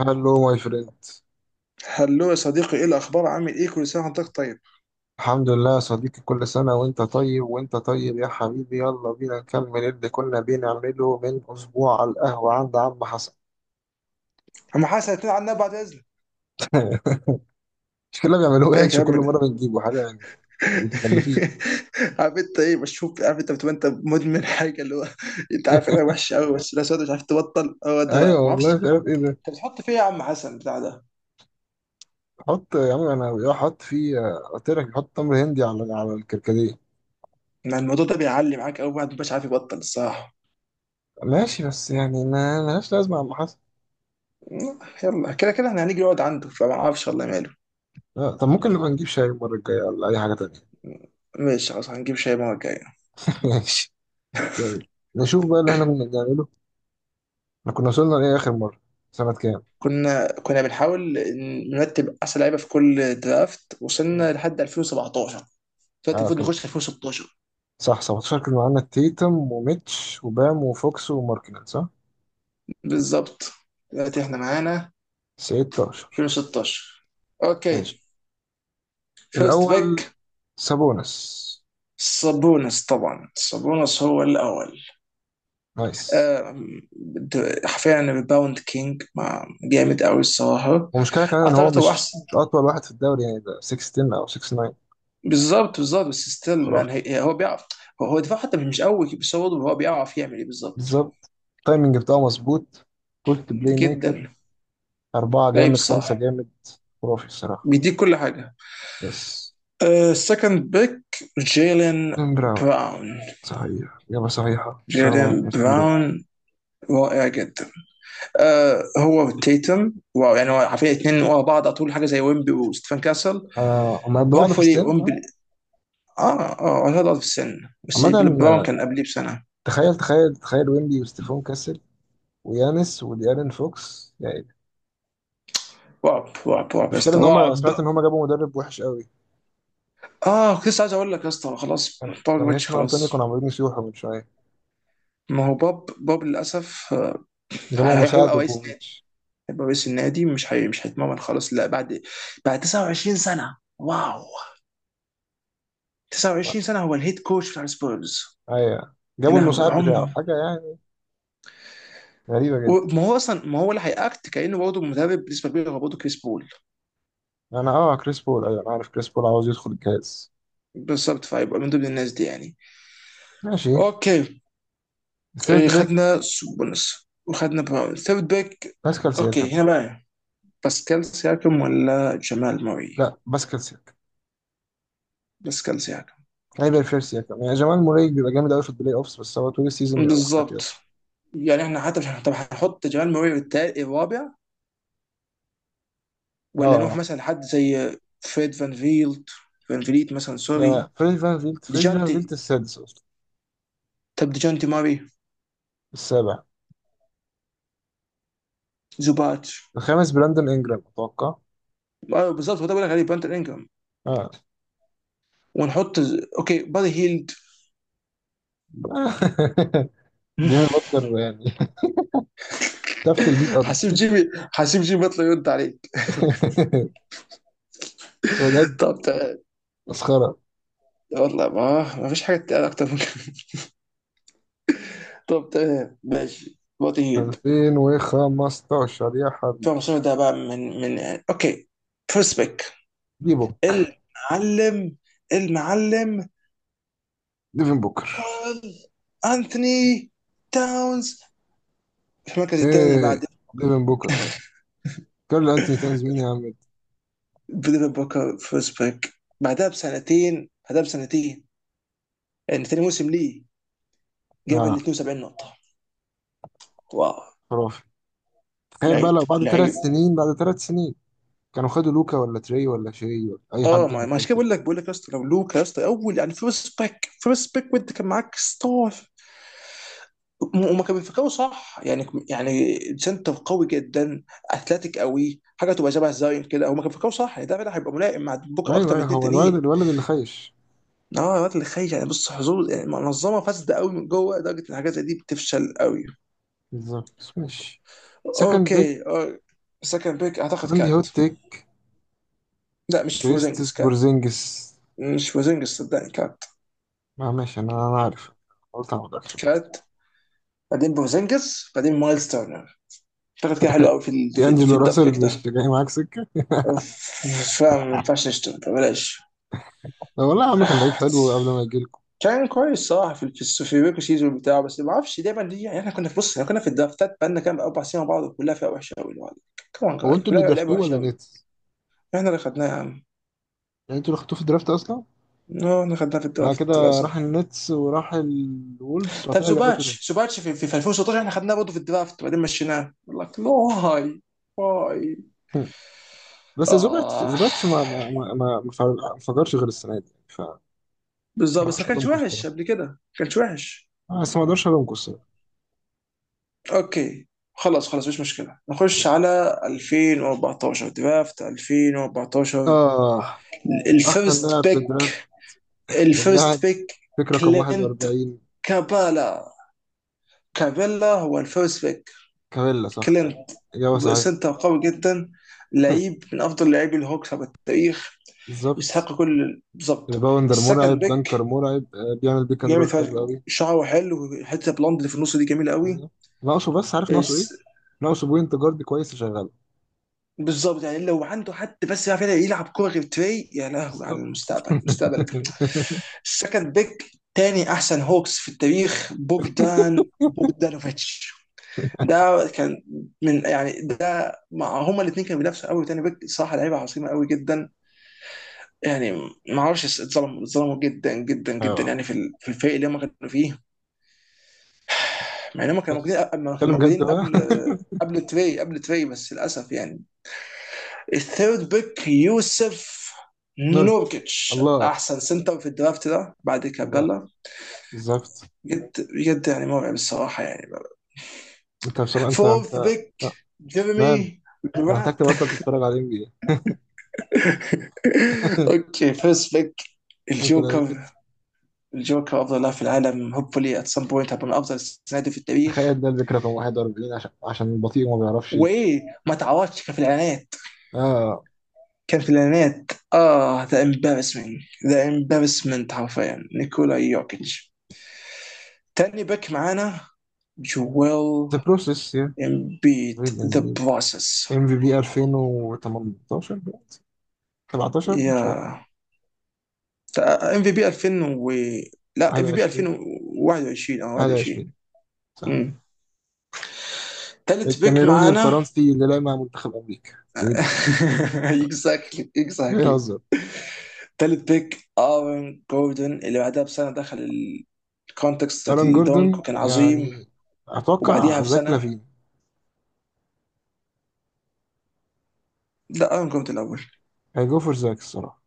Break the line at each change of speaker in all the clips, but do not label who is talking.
هلو ماي فريند.
هلو يا صديقي، ايه الاخبار؟ عامل ايه؟ كل سنه وحضرتك طيب.
الحمد لله يا صديقي، كل سنة وانت طيب، وانت طيب يا حبيبي. يلا بينا نكمل اللي كنا بنعمله من أسبوع على القهوة عند عم حسن.
اما حاسس هتنقل عنا بعد اذنك.
مش كلنا بيعملوه
ايه
يعني؟
يا كلام
كل
من
مرة
ده؟
بنجيبه حاجة يعني متخلفين.
عارف انت ايه؟ بشوف، عارف انت بتبقى انت مدمن حاجه اللي هو. انت عارف انها وحشه قوي، بس لا سواد، مش عارف تبطل. هو ده،
ايوه
ما اعرفش.
والله، مش عارف ايه ده.
انت بتحط فيه يا عم حسن بتاع ده؟
حط يا عم، انا حط فيه، قلت لك حط تمر هندي على الكركديه.
ما الموضوع ده بيعلي معاك قوي، بعد مش عارف يبطل الصراحه.
ماشي، بس يعني ما ملهاش لازمة يا عم حسن.
يلا، كده كده احنا هنيجي نقعد عنده، فما اعرفش والله ماله.
لا، طب ممكن نبقى نجيب شاي المرة الجاية ولا أي حاجة تانية.
ماشي، خلاص هنجيب شاي المره الجايه.
ماشي. طيب. نشوف بقى اللي احنا كنا بنعمله. احنا كنا وصلنا لايه اخر مره؟ سنه كام؟
كنا بنحاول نرتب احسن لعيبه في كل درافت،
مم.
وصلنا لحد 2017. دلوقتي
اه،
المفروض
كان
نخش في 2016.
صح، 17 كان معانا تيتم وميتش وبام وفوكس وماركنن، صح.
بالظبط. دلوقتي احنا معانا
16.
2016.
ماشي.
اوكي، فيرست
الاول
باك.
سابونس.
سابونس، طبعا سابونس هو الاول.
نايس.
آم، حرفيا باوند كينج، مع جامد قوي الصراحه.
ومشكله كمان ان هو
اعتقد هو
مش
احسن.
مش اطول واحد في الدوري يعني، ده 16 او 69.
بالظبط. بس ستيل مان
خرافي.
هو بيعرف. هو دفاع حتى مش قوي، بس هو برضه هو بيعرف يعمل ايه بالظبط.
بالظبط. التايمنج بتاعه مظبوط. بولت بلاي ميكر.
جدا.
أربعة
لعيب
جامد، خمسة
الصراحه.
جامد. خرافي الصراحة.
بيديك كل حاجه.
يس.
السكند باك. جيلين.
جيم براون.
براون.
صحيح، إجابة صحيحة، صار معاك
جيلين
50 ريال.
براون. رائع جدا. آه، هو تيتم، واو. يعني هو عارفين اثنين ورا بعض على طول، حاجه زي ويمبي وستيفن كاسل.
آه، هما قد بعض في
هوبفولي
السن
ويمبي.
صح؟
اه، هذا في السن بس
عامة،
براون كان قبليه بسنه.
تخيل تخيل تخيل ويمبي وستيفون كاسل، ويانس وديارين فوكس يعني.
رعب رعب رعب يا
المشكلة
اسطى،
إن هما
رعب.
سمعت إن هما جابوا مدرب وحش قوي.
اه، كنت لسه عايز اقول لك يا اسطى، خلاص.
جماهير
بوجباتش،
سان أنطونيو
خلاص.
كانوا عمالين يسيحوا من شوية.
ما هو بوب للاسف.
جابوا مساعد
هيبقى رئيس نادي.
وبوفيتش.
هيبقى رئيس النادي، مش هيتمرن خلاص، لا بعد 29 سنه، واو. 29 سنه هو الهيد كوتش بتاع السبيرز.
أيوة،
يا
جابوا
لهوي
المساعد بتاعه
عمره.
حاجة يعني. غريبة جدا.
وما هو اصلا، ما هو اللي هيأكت كأنه برضه مدرب بالنسبه كبيره، هو برضه كريس بول.
أنا، أه كريس بول، أيوة أنا عارف كريس بول عاوز يدخل الجهاز.
بالظبط، فيبقى من ضمن الناس دي يعني.
ماشي.
اوكي. إيه،
الثيرد بيك.
خدنا سوبونس وخدنا براون. ثيرد باك.
باسكال
اوكي،
سياكم.
هنا بقى. باسكال سياكم ولا جمال موري؟
لا، باسكال سياكم.
باسكال سياكم.
كايبر فير سياكم يعني. جمال موري بيبقى جامد قوي في البلاي أوفس، بس هو طول السيزون بيبقى مختفي
بالظبط.
أصلا.
يعني احنا حتى مش، طب هنحط جمال موري التالت الرابع؟
أه.
ولا نروح
أه.
مثلا لحد زي فريد فان فيلد. فان فيليت مثلا،
لا لا،
سوري.
فريزي فان فيلت. فريزي فان فيلت
ديجانتي.
السادس.
طب ديجانتي ماري.
السابع.
زوبات.
الخامس براندون انجرام اتوقع.
آه، بالظبط، هو ده بقول لك عليه بانتر انجرام.
اه.
ونحط. اوكي بادي هيلد.
جيمي بutler يعني، تفل بيه الارض.
حسيب جيمي حسيب جيمي يطلع يرد عليك.
بجد.
طب تمام.
مسخره.
والله، ما فيش حاجه تتقال اكتر من كده. طب تمام، ماشي بادي هيلد.
2015 يا حبيبي.
فمصطفى ده بقى، من. اوكي. فيرست بيك.
دي بوك.
المعلم. المعلم.
ديفن بوكر.
كارل انثوني تاونز. في المركز الثاني
ايه؟
بعد.
ديفن بوكر كارل انتوني تاونز، مين يا عم ده؟
ديفيد بوكر فيرست بيك. بعدها بسنتين. يعني ثاني موسم ليه. جاب ال
اه.
72 نقطه. واو.
خرافي. تخيل بقى
لعيب
لو بعد ثلاث
لعيب.
سنين بعد ثلاث سنين كانوا خدوا لوكا ولا تري ولا شاي ولا اي
اه،
حد من
ما عشان
البيت.
كده بقول لك يا اسطى، لو لوكا يا اسطى اول، يعني فيرست باك وانت كان معاك ستار. وما كان بيفكروا صح؟ يعني سنتر قوي جدا. اثلتيك قوي، حاجه تبقى شبه زاين كده، هما كانوا بيفكروا صح يعني ده فعلا هيبقى ملائم مع بوكا
ايوه
اكتر من
ايوه،
اتنين
هو الولد،
تانيين.
الولد اللي خايش.
اه، الوقت اللي خايف يعني، بص، حظوظ يعني منظمه فاسده قوي من جوه لدرجه ان الحاجات زي دي بتفشل قوي.
بالظبط، ماشي. سكند بيك.
اوكي، اه. سكند بيك، اعتقد
عندي
كات.
هوت تيك.
لا، مش بوزنجس،
كريستس
كات.
بورزينجس.
مش بوزنجس، صدقني كات.
ما ماشي، انا عارف، قلت انا ما اقدرش.
كات. بعدين بوزنجس، بعدين مايلز تيرنر. اشتغلت كده حلو قوي في ال-
دي
في في
انجلو
الدب
راسل
بيك
مش
ده.
جاي معاك سكه؟
فاهم ما ينفعش نشتغل بلاش.
لا والله يا عم، كان لعيب حلو قبل ما يجيلكوا.
كان كويس صراحه في البيكو سيزون بتاعه، بس ما اعرفش دايما دي، يعني احنا كنا في، بص، احنا كنا في الدرافتات بقالنا كام اربع سنين مع بعض كلها فيها وحشه قوي لوحدك. كمان
هو
جاي
انتوا اللي
كلها لعيبه
درافتوه
وحشه
ولا
قوي.
نيتس؟
احنا اللي خدناها يا عم.
يعني انتوا اللي خدتوه في الدرافت اصلا؟
اه، احنا خدناها في
بعد
الدرافت
كده راح
للاسف.
النتس وراح الولفز وبعد
طب
كده رجع لكم تاني.
زوباتش، في 2016 احنا خدناه برضه في الدرافت، وبعدين مشيناه لك واي. واي.
هم. بس زوباتش،
اه
زوباتش ما فجرش غير السنه دي، ف ما
بالظبط، بس
اقدرش
ما كانش
الومكم
وحش
الصراحه
قبل كده، ما كانش وحش.
آه، بس ما اقدرش الومكم الصراحه.
اوكي، خلاص خلاص، مش مشكله. نخش على 2014، درافت 2014.
اه، احسن
الفيرست
لاعب في الدرافت،
بيك. الفيرست
اللاعب
بيك.
فكره رقم
كلينت.
41.
كابالا. كابيلا هو الفيرست بيك.
كابيلا صح،
كلينت.
أيوة. إجابة صحيحة.
سنتر قوي جدا. لعيب من افضل لاعبي الهوكس على التاريخ.
بالظبط.
يستحق كل، بالظبط.
ريباوندر مرعب،
السكند بيك.
دنكر مرعب، بيعمل بيك اند
جامد
رول
فشخ-
حلو قوي.
شعره حلو. حته بلوند اللي في النص دي جميله قوي.
بالظبط. ناقصه بس، عارف ناقصه ايه؟ ناقصه بوينت جارد كويس يشغله.
بالظبط، يعني لو عنده حد بس يعرف يلعب كوره غير تري، يا لهوي على
بالظبط.
المستقبل، مستقبل. السكند بيك، تاني احسن هوكس في التاريخ، بوجدان بوجدانوفيتش. ده كان. من، يعني ده مع هما الاثنين كانوا بينافسوا قوي. تاني بيك صراحه لعيبه عظيمه قوي جدا. يعني. ما اعرفش، اتظلموا اتظلموا جدا جدا
ايوه
جدا،
والله.
يعني في الفريق اللي هم كانوا فيه. مع ان هم كانوا
بس
موجودين، أما كانوا
اتكلم جد
موجودين
بقى.
قبل. قبل تري قبل تري، بس للاسف يعني. الثيرد بيك، يوسف.
نوركي.
نوركيتش،
الله.
احسن سنتر في الدرافت ده بعد
الله.
كابيلا.
بالظبط.
بجد بجد يعني، مرعب الصراحه يعني.
انت بصراحة، انت انت
فورث بيك.
آه، نعم.
جيرمي.
انت محتاج
جرانت.
تبطل تتفرج على ام بي اي.
اوكي، فيرست بيك.
نيكولا
الجوكر.
يوكيتش.
الجوكر افضل لاعب في العالم، هوبفلي ات سم بوينت هبقى من افضل السنادي في التاريخ.
تخيل، ده البيك رقم 41 عشان بطيء وما بيعرفش يجري.
وايه. ما تعوضش. كان في الاعلانات.
اه،
كان في الاعلانات، اه ذا امبارسمنت. ذا امبارسمنت، حرفيا نيكولا يوكيتش. تاني باك معانا. جويل.
ذا بروسيس يا.
امبيد ذا بروسس،
ام في بي 2018، 17 مش
يا.
فاكر،
ام في بي 2000 و. لا، ام في بي
21،
2021 او 21.
21 صح.
امم. ثالث بيك
الكاميروني
معانا.
الفرنسي اللي لعب مع منتخب أمريكا. جويد
اكزاكتلي اكزاكتلي.
بيهزر.
ثالث بيك ارون جوردن، اللي بعدها بسنه دخل الكونتكست بتاعت
ألان
الدونك
جوردون
وكان عظيم.
يعني.
وبعديها
أتوقع زاك
بسنه.
لافين.
لا، ارون جوردن الاول.
هيجو فور زاك الصراحة.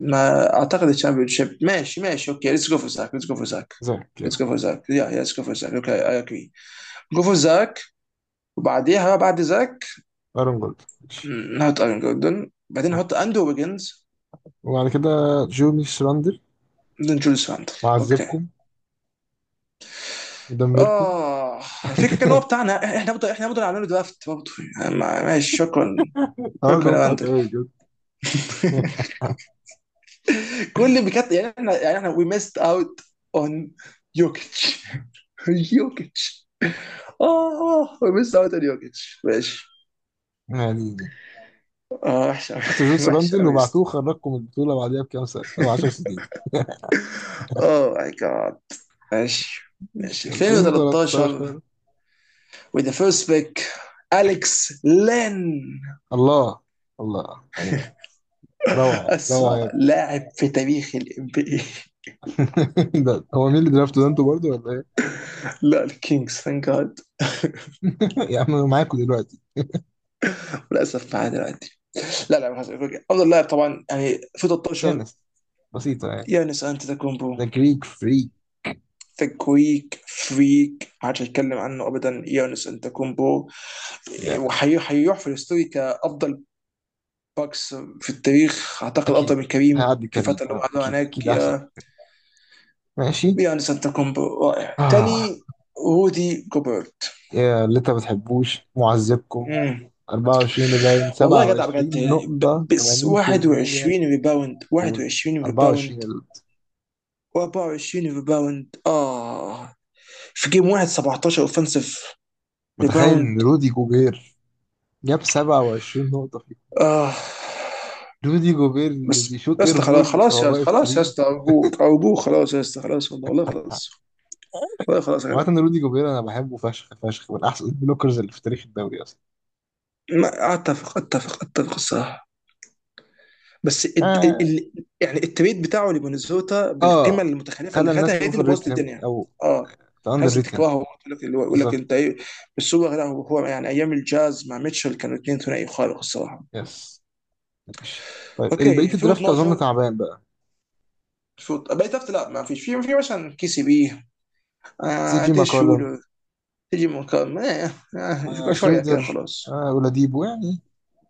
ما اعتقد الشامبيون شيب، ماشي ماشي، اوكي ليتس جو فور زاك، ليتس جو فور زاك.
زاك
ليتس
يلا.
جو فور زاك يا، ليتس جو فور زاك، اوكي اي اجري. جو فور زاك. وبعديها بعد زاك.
ألان جوردون ماشي.
نحط ارين جوردن، بعدين نحط
أوكي.
اندو ويجنز.
وبعد كده جوني شراندر.
بعدين جوليس راندل. اوكي.
معذبكم. مدمركم.
اه. الفكره ان هو بتاعنا احنا برضه، احنا برضه عاملين درافت برضه. يعني ماشي، شكرا.
النهارده
شكرا يا
مضحك
راندل.
أوي بجد.
كل بجد يعني، احنا يعني احنا وي ميست اوت. اون. يوكيتش. يوكيتش. اه، وي ميست اوت اون يوكيتش، ماشي.
يعني دي.
اه وحشه أوي،
خدت جون
وحشه
شراندل
قوي.
وبعتوه، خرجكم من البطولة بعديها بكام سنة أو 10 سنين.
اوه ماي جاد. ماشي. ماشي
ماشي،
2013.
2013.
With the first pick. أليكس لين.
الله، الله، الله. روعة، روعة
أسوأ
يا
لاعب في تاريخ الام بي اي.
ابني. ده هو مين اللي درافته ده، انتوا برضه ولا ايه؟
لا، الكينجز، ثانك جاد.
يا عم انا معاكم دلوقتي.
للأسف معاه دلوقتي. لا لا، خلاص، أوكي. أفضل لاعب طبعا يعني في
يا
13.
ناس، بسيطة يعني.
يانس أنتetokounمبو.
ده جريك فري
ذا جريك فريك، ما حدش هيتكلم عنه ابدا، يانس انتكومبو.
يعني.
وهيروح في الهستوري كافضل. باكس في التاريخ، اعتقد افضل
أكيد.
من كريم.
هيعدي
في
كريم،
الفتره اللي هم
اه،
قعدوها
أكيد،
هناك،
أكيد أحسن.
يا.
ماشي.
يانس انتكومبو، رائع
آه.
تاني. رودي جوبرت.
يا اللي أنت ما بتحبوش معذبكم.
مم.
24 ريباوند،
والله يا جدع، بجد
27
يعني
نقطة،
بس
80%.
21 ريباوند،
جول.
21 ريباوند.
24
24 ريباوند، اه. في جيم واحد، 17 اوفنسيف
متخيل إن
ريباوند.
رودي جوبير جاب 27 نقطة فيه.
اه.
رودي جوبير اللي
بس
بيشوط
يا
اير
اسطى خلاص،
بول
خلاص
وهو
يا،
واقف
خلاص يا
فري.
اسطى، ارجوك ارجوك، خلاص يا اسطى، خلاص والله خلاص. والله خلاص يا جدع.
عامة رودي جوبير انا بحبه فشخ فشخ، من احسن البلوكرز اللي في تاريخ الدوري اصلا.
اتفق اتفق اتفق الصراحه. بس
اه.
يعني التريد بتاعه لمينيسوتا بالقيمه
اه،
المتخلفه،
خلى
اللي خدها
الناس
هي دي
تأوفر
اللي بوظت
ريت هيم
الدنيا.
او
اه.
تأندر
الناس
ريت هيم.
بتكرهه، يقول لك انت
بالظبط.
ايه. بس هو لا، هو يعني ايام الجاز مع ميتشل كانوا اثنين ثنائي خارق الصراحه.
يس. ماشي. طيب البقية
اوكي، في
الدرافت اظن
12.
تعبان بقى.
في بقيت لا، ما فيش، في مثلا كي سي بي.
سي
آه،
جي
ديش
ماكولم.
شولر. تيجي من كام، آه.
آه
آه شويه
شرودر.
كده خلاص.
آه اولاديبو يعني.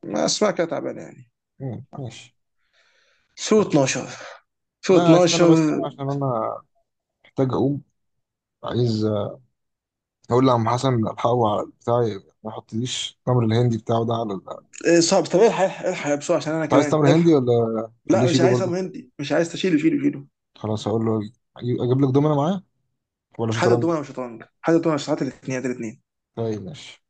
ما اسمع كده تعبان يعني.
مم، ماشي.
في
طيب.
12. في
لا، استنى بس،
12.
استنى عشان انا محتاج اقوم. عايز اقول لعم حسن الحقه على البتاع، ما يحطليش تمر الهندي بتاعه ده على ال-.
آه، صعب. طب الحق الحق الحق يا بسرعه عشان انا
انت عايز
كمان
تمر هندي
الحق.
ولا؟ خليه
لا مش
يشيله
عايز ابو
برضه.
هندي، مش عايز، تشيله شيله شيله.
خلاص، هقول له. اجيب لك دومنا معاه ولا
حتى
شطرنج؟
الدمى وشطرنج، حتى الدمى وشطرنج، الاثنين الاثنين.
طيب ماشي.